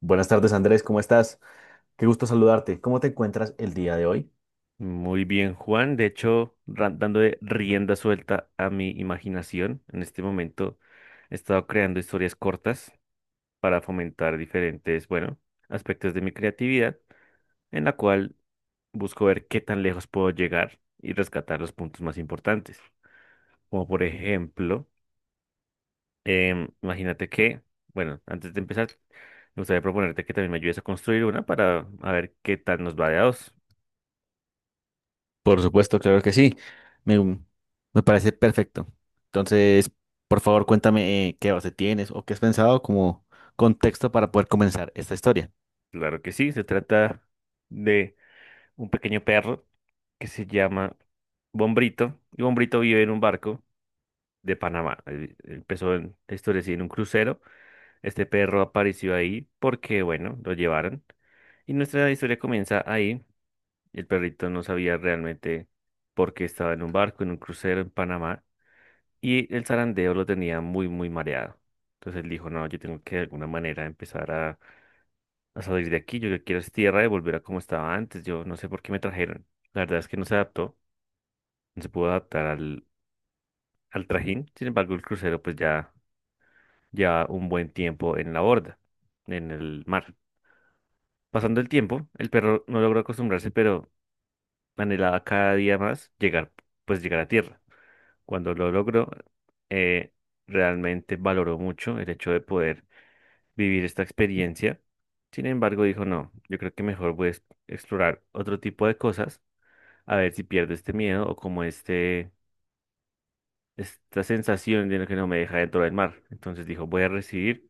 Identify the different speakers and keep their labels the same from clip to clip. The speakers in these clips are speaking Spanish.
Speaker 1: Buenas tardes, Andrés, ¿cómo estás? Qué gusto saludarte. ¿Cómo te encuentras el día de hoy?
Speaker 2: Muy bien, Juan. De hecho, dando rienda suelta a mi imaginación, en este momento he estado creando historias cortas para fomentar diferentes, bueno, aspectos de mi creatividad, en la cual busco ver qué tan lejos puedo llegar y rescatar los puntos más importantes. Como por ejemplo, imagínate que, bueno, antes de empezar, me gustaría proponerte que también me ayudes a construir una para a ver qué tal nos va de a dos.
Speaker 1: Por supuesto, claro que sí. Me, mm, Me parece perfecto. Entonces, por favor, cuéntame qué base tienes o qué has pensado como contexto para poder comenzar esta historia.
Speaker 2: Claro que sí, se trata de un pequeño perro que se llama Bombrito. Y Bombrito vive en un barco de Panamá. Él empezó en, la historia así, en un crucero. Este perro apareció ahí porque, bueno, lo llevaron. Y nuestra historia comienza ahí. El perrito no sabía realmente por qué estaba en un barco, en un crucero en Panamá. Y el zarandeo lo tenía muy, muy mareado. Entonces él dijo, no, yo tengo que de alguna manera empezar a salir de aquí. Yo lo que quiero es tierra y volver a como estaba antes. Yo no sé por qué me trajeron. La verdad es que no se adaptó, no se pudo adaptar al trajín. Sin embargo, el crucero pues ya lleva un buen tiempo en la borda, en el mar. Pasando el tiempo, el perro no logró acostumbrarse, pero anhelaba cada día más llegar, pues llegar a tierra. Cuando lo logró, eh, realmente valoró mucho el hecho de poder vivir esta experiencia. Sin embargo, dijo, no, yo creo que mejor voy a explorar otro tipo de cosas, a ver si pierdo este miedo o como este, esta sensación de lo que no me deja dentro del mar. Entonces dijo, voy a recibir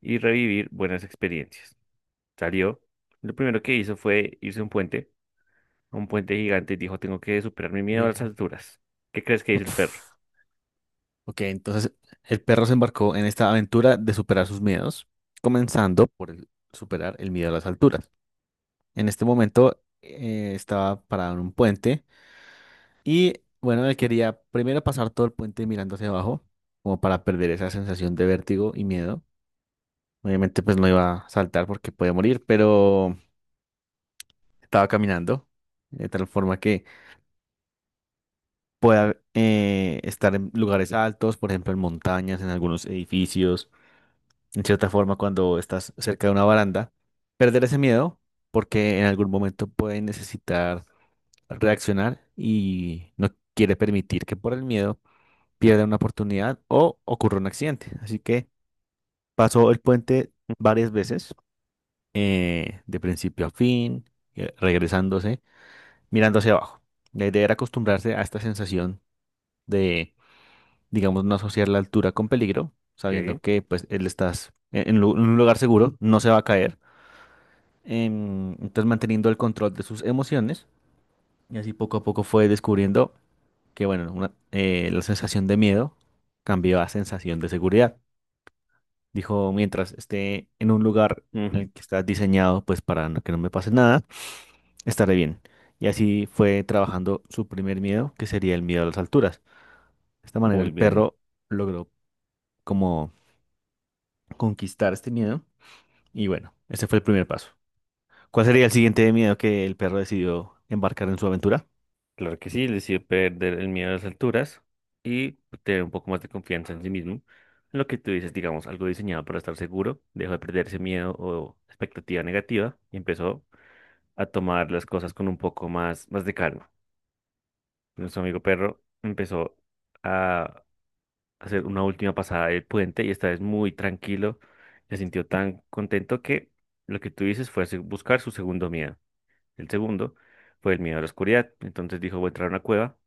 Speaker 2: y revivir buenas experiencias. Salió. Lo primero que hizo fue irse a un puente gigante, y dijo, tengo que superar mi miedo a las
Speaker 1: Bien.
Speaker 2: alturas. ¿Qué crees que hizo el perro?
Speaker 1: Uf. Ok, entonces el perro se embarcó en esta aventura de superar sus miedos, comenzando por superar el miedo a las alturas. En este momento estaba parado en un puente. Y bueno, él quería primero pasar todo el puente mirando hacia abajo, como para perder esa sensación de vértigo y miedo. Obviamente, pues no iba a saltar porque podía morir, pero estaba caminando de tal forma que pueda estar en lugares altos, por ejemplo, en montañas, en algunos edificios. En cierta forma, cuando estás cerca de una baranda, perder ese miedo porque en algún momento puede necesitar reaccionar y no quiere permitir que por el miedo pierda una oportunidad o ocurra un accidente. Así que pasó el puente varias veces, de principio a fin, regresándose, mirando hacia abajo. La idea era acostumbrarse a esta sensación de, digamos, no asociar la altura con peligro, sabiendo
Speaker 2: ¿Qué?
Speaker 1: que pues él estás en un lugar seguro, no se va a caer. Entonces manteniendo el control de sus emociones y así poco a poco fue descubriendo que, bueno, la sensación de miedo cambió a sensación de seguridad. Dijo, mientras esté en un lugar en
Speaker 2: Mm,
Speaker 1: el que está diseñado, pues para no- que no me pase nada, estaré bien. Y así fue trabajando su primer miedo, que sería el miedo a las alturas. De esta manera el
Speaker 2: muy bien.
Speaker 1: perro logró como conquistar este miedo. Y bueno, ese fue el primer paso. ¿Cuál sería el siguiente miedo que el perro decidió embarcar en su aventura?
Speaker 2: Claro que sí, le hizo perder el miedo a las alturas y tener un poco más de confianza en sí mismo. Lo que tú dices, digamos, algo diseñado para estar seguro, dejó de perder ese miedo o expectativa negativa y empezó a tomar las cosas con un poco más, más de calma. Nuestro amigo perro empezó a hacer una última pasada del puente y esta vez muy tranquilo. Se sintió tan contento que lo que tú dices fue buscar su segundo miedo. El segundo fue el miedo a la oscuridad. Entonces dijo, voy a entrar a una cueva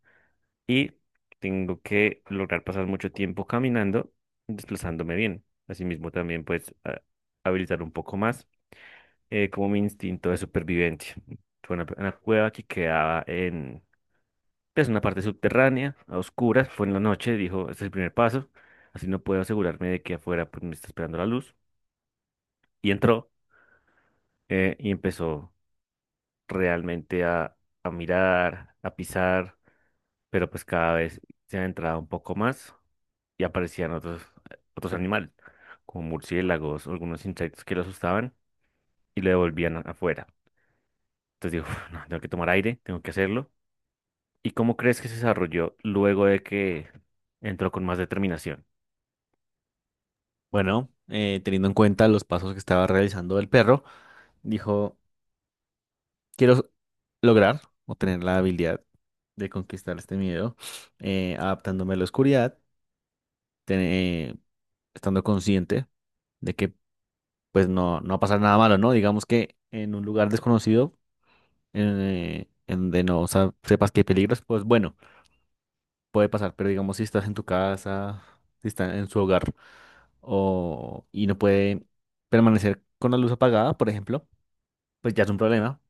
Speaker 2: y tengo que lograr pasar mucho tiempo caminando, desplazándome bien. Asimismo también pues habilitar un poco más como mi instinto de supervivencia. Fue una cueva que quedaba es una parte subterránea, a oscuras, fue en la noche, dijo, este es el primer paso, así no puedo asegurarme de que afuera pues, me está esperando la luz. Y entró, y empezó realmente a mirar, a pisar, pero pues cada vez se adentraba un poco más y aparecían otros animales, como murciélagos, algunos insectos que lo asustaban y lo devolvían afuera. Entonces dijo, "Uf, no, tengo que tomar aire, tengo que hacerlo. ¿Y cómo crees que se desarrolló luego de que entró con más determinación?
Speaker 1: Bueno, teniendo en cuenta los pasos que estaba realizando el perro, dijo, quiero lograr o tener la habilidad de conquistar este miedo, adaptándome a la oscuridad, tene- estando consciente de que pues no va a pasar nada malo, ¿no? Digamos que en un lugar desconocido, en donde no sepas que hay peligros, pues bueno, puede pasar, pero digamos si estás en tu casa, si estás en su hogar y no puede permanecer con la luz apagada, por ejemplo, pues ya es un problema,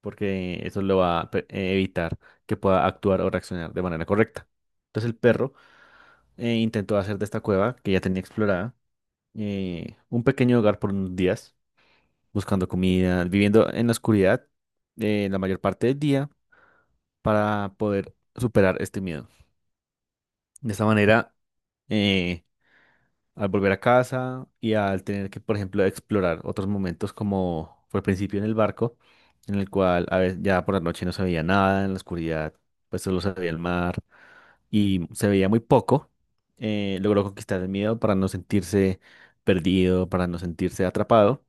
Speaker 1: porque eso lo va a evitar que pueda actuar o reaccionar de manera correcta. Entonces el perro intentó hacer de esta cueva que ya tenía explorada un pequeño hogar por unos días, buscando comida, viviendo en la oscuridad la mayor parte del día para poder superar este miedo. De esta manera, eh, al volver a casa y al tener que, por ejemplo, explorar otros momentos como fue al principio en el barco, en el cual a veces ya por la noche no se veía nada, en la oscuridad pues solo se veía el mar y se veía muy poco, logró conquistar el miedo para no sentirse perdido, para no sentirse atrapado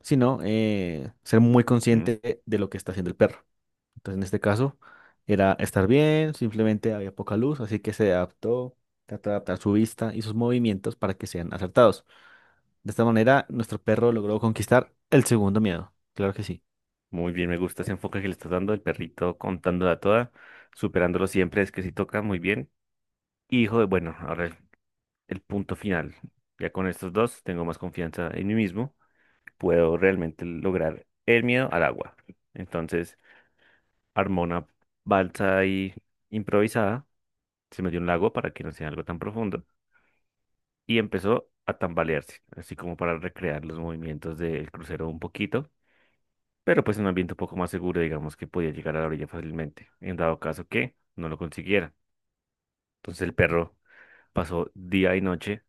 Speaker 1: sino ser muy consciente de lo que está haciendo el perro. Entonces, en este caso, era estar bien, simplemente había poca luz, así que se adaptó, trató de adaptar su vista y sus movimientos para que sean acertados. De esta manera, nuestro perro logró conquistar el segundo miedo. Claro que sí.
Speaker 2: Muy bien, me gusta ese enfoque que le estás dando, el perrito contándola toda, superándolo siempre, es que sí toca muy bien. Y hijo de, bueno, ahora el punto final. Ya con estos dos tengo más confianza en mí mismo, puedo realmente lograr el miedo al agua. Entonces, armó una balsa ahí improvisada, se metió en un lago para que no sea algo tan profundo y empezó a tambalearse, así como para recrear los movimientos del crucero un poquito, pero pues en un ambiente un poco más seguro, digamos que podía llegar a la orilla fácilmente, en dado caso que no lo consiguiera. Entonces el perro pasó día y noche,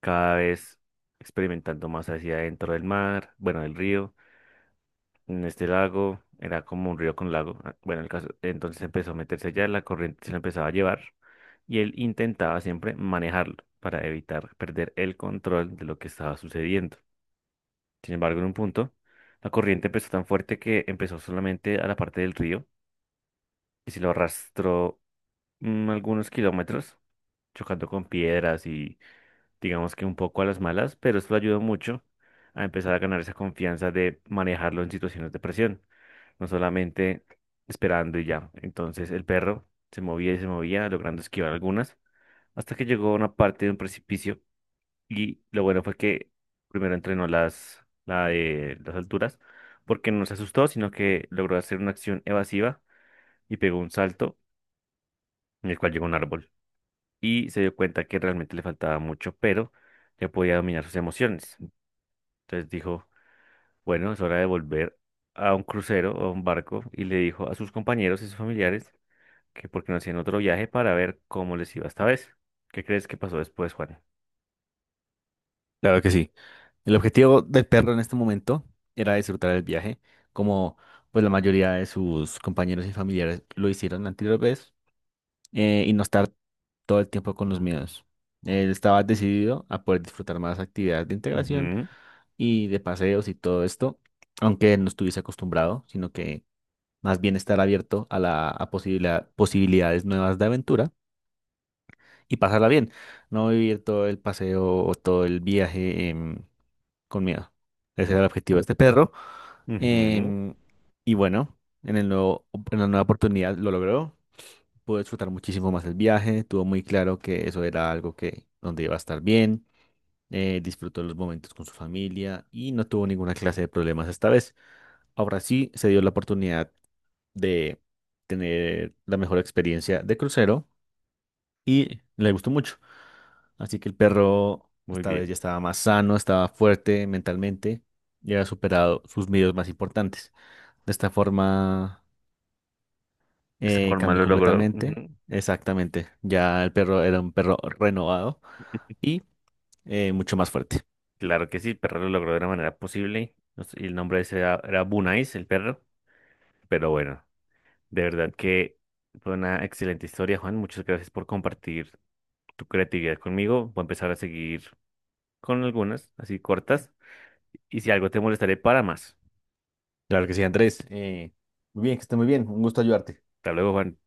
Speaker 2: cada vez experimentando más hacia adentro del mar, bueno, del río, en este lago, era como un río con lago, ah, bueno, el caso, entonces empezó a meterse allá, la corriente se lo empezaba a llevar y él intentaba siempre manejarlo para evitar perder el control de lo que estaba sucediendo. Sin embargo, en un punto, la corriente empezó tan fuerte que empezó solamente a la parte del río. Y si lo arrastró algunos kilómetros, chocando con piedras y digamos que un poco a las malas, pero esto le ayudó mucho a empezar a ganar esa confianza de manejarlo en situaciones de presión, no solamente esperando y ya. Entonces el perro se movía y se movía, logrando esquivar algunas, hasta que llegó a una parte de un precipicio y lo bueno fue que primero entrenó la de las alturas, porque no se asustó, sino que logró hacer una acción evasiva y pegó un salto en el cual llegó a un árbol. Y se dio cuenta que realmente le faltaba mucho, pero ya podía dominar sus emociones. Entonces dijo, bueno, es hora de volver a un crucero o a un barco y le dijo a sus compañeros y sus familiares que porque no hacían otro viaje para ver cómo les iba esta vez. ¿Qué crees que pasó después, Juan?
Speaker 1: Claro que sí. El objetivo del perro en este momento era disfrutar el viaje, como pues la mayoría de sus compañeros y familiares lo hicieron la anterior vez, y no estar todo el tiempo con los miedos. Él estaba decidido a poder disfrutar más actividades de integración
Speaker 2: Ujú,
Speaker 1: y de paseos y todo esto, aunque no estuviese acostumbrado, sino que más bien estar abierto a la posibilidades nuevas de aventura y pasarla bien, no vivir todo el paseo o todo el viaje con miedo. Ese era el objetivo de este perro.
Speaker 2: ujú,
Speaker 1: em, y bueno, en el en la nueva oportunidad lo logró, pude disfrutar muchísimo más el viaje, tuvo muy claro que eso era algo que donde iba a estar bien, disfrutó los momentos con su familia y no tuvo ninguna clase de problemas esta vez. Ahora sí se dio la oportunidad de tener la mejor experiencia de crucero y le gustó mucho. Así que el perro
Speaker 2: muy
Speaker 1: esta vez
Speaker 2: bien.
Speaker 1: ya estaba más sano, estaba fuerte mentalmente y había superado sus miedos más importantes. De esta forma
Speaker 2: De esa forma
Speaker 1: Cambió
Speaker 2: lo logró. Ujú.
Speaker 1: completamente, exactamente. Ya el perro era un perro renovado y mucho más fuerte.
Speaker 2: Claro que sí, el perro lo logró de la manera posible. No sé, y el nombre de ese era, era Bunais, el perro. Pero bueno, de verdad que fue una excelente historia, Juan. Muchas gracias por compartir tu creatividad conmigo. Voy a empezar a seguir con algunas, así cortas. Y si algo te molestaré, para más.
Speaker 1: Claro que sí, Andrés. Muy bien, que esté muy bien. Un gusto ayudarte.
Speaker 2: Hasta luego, Juan.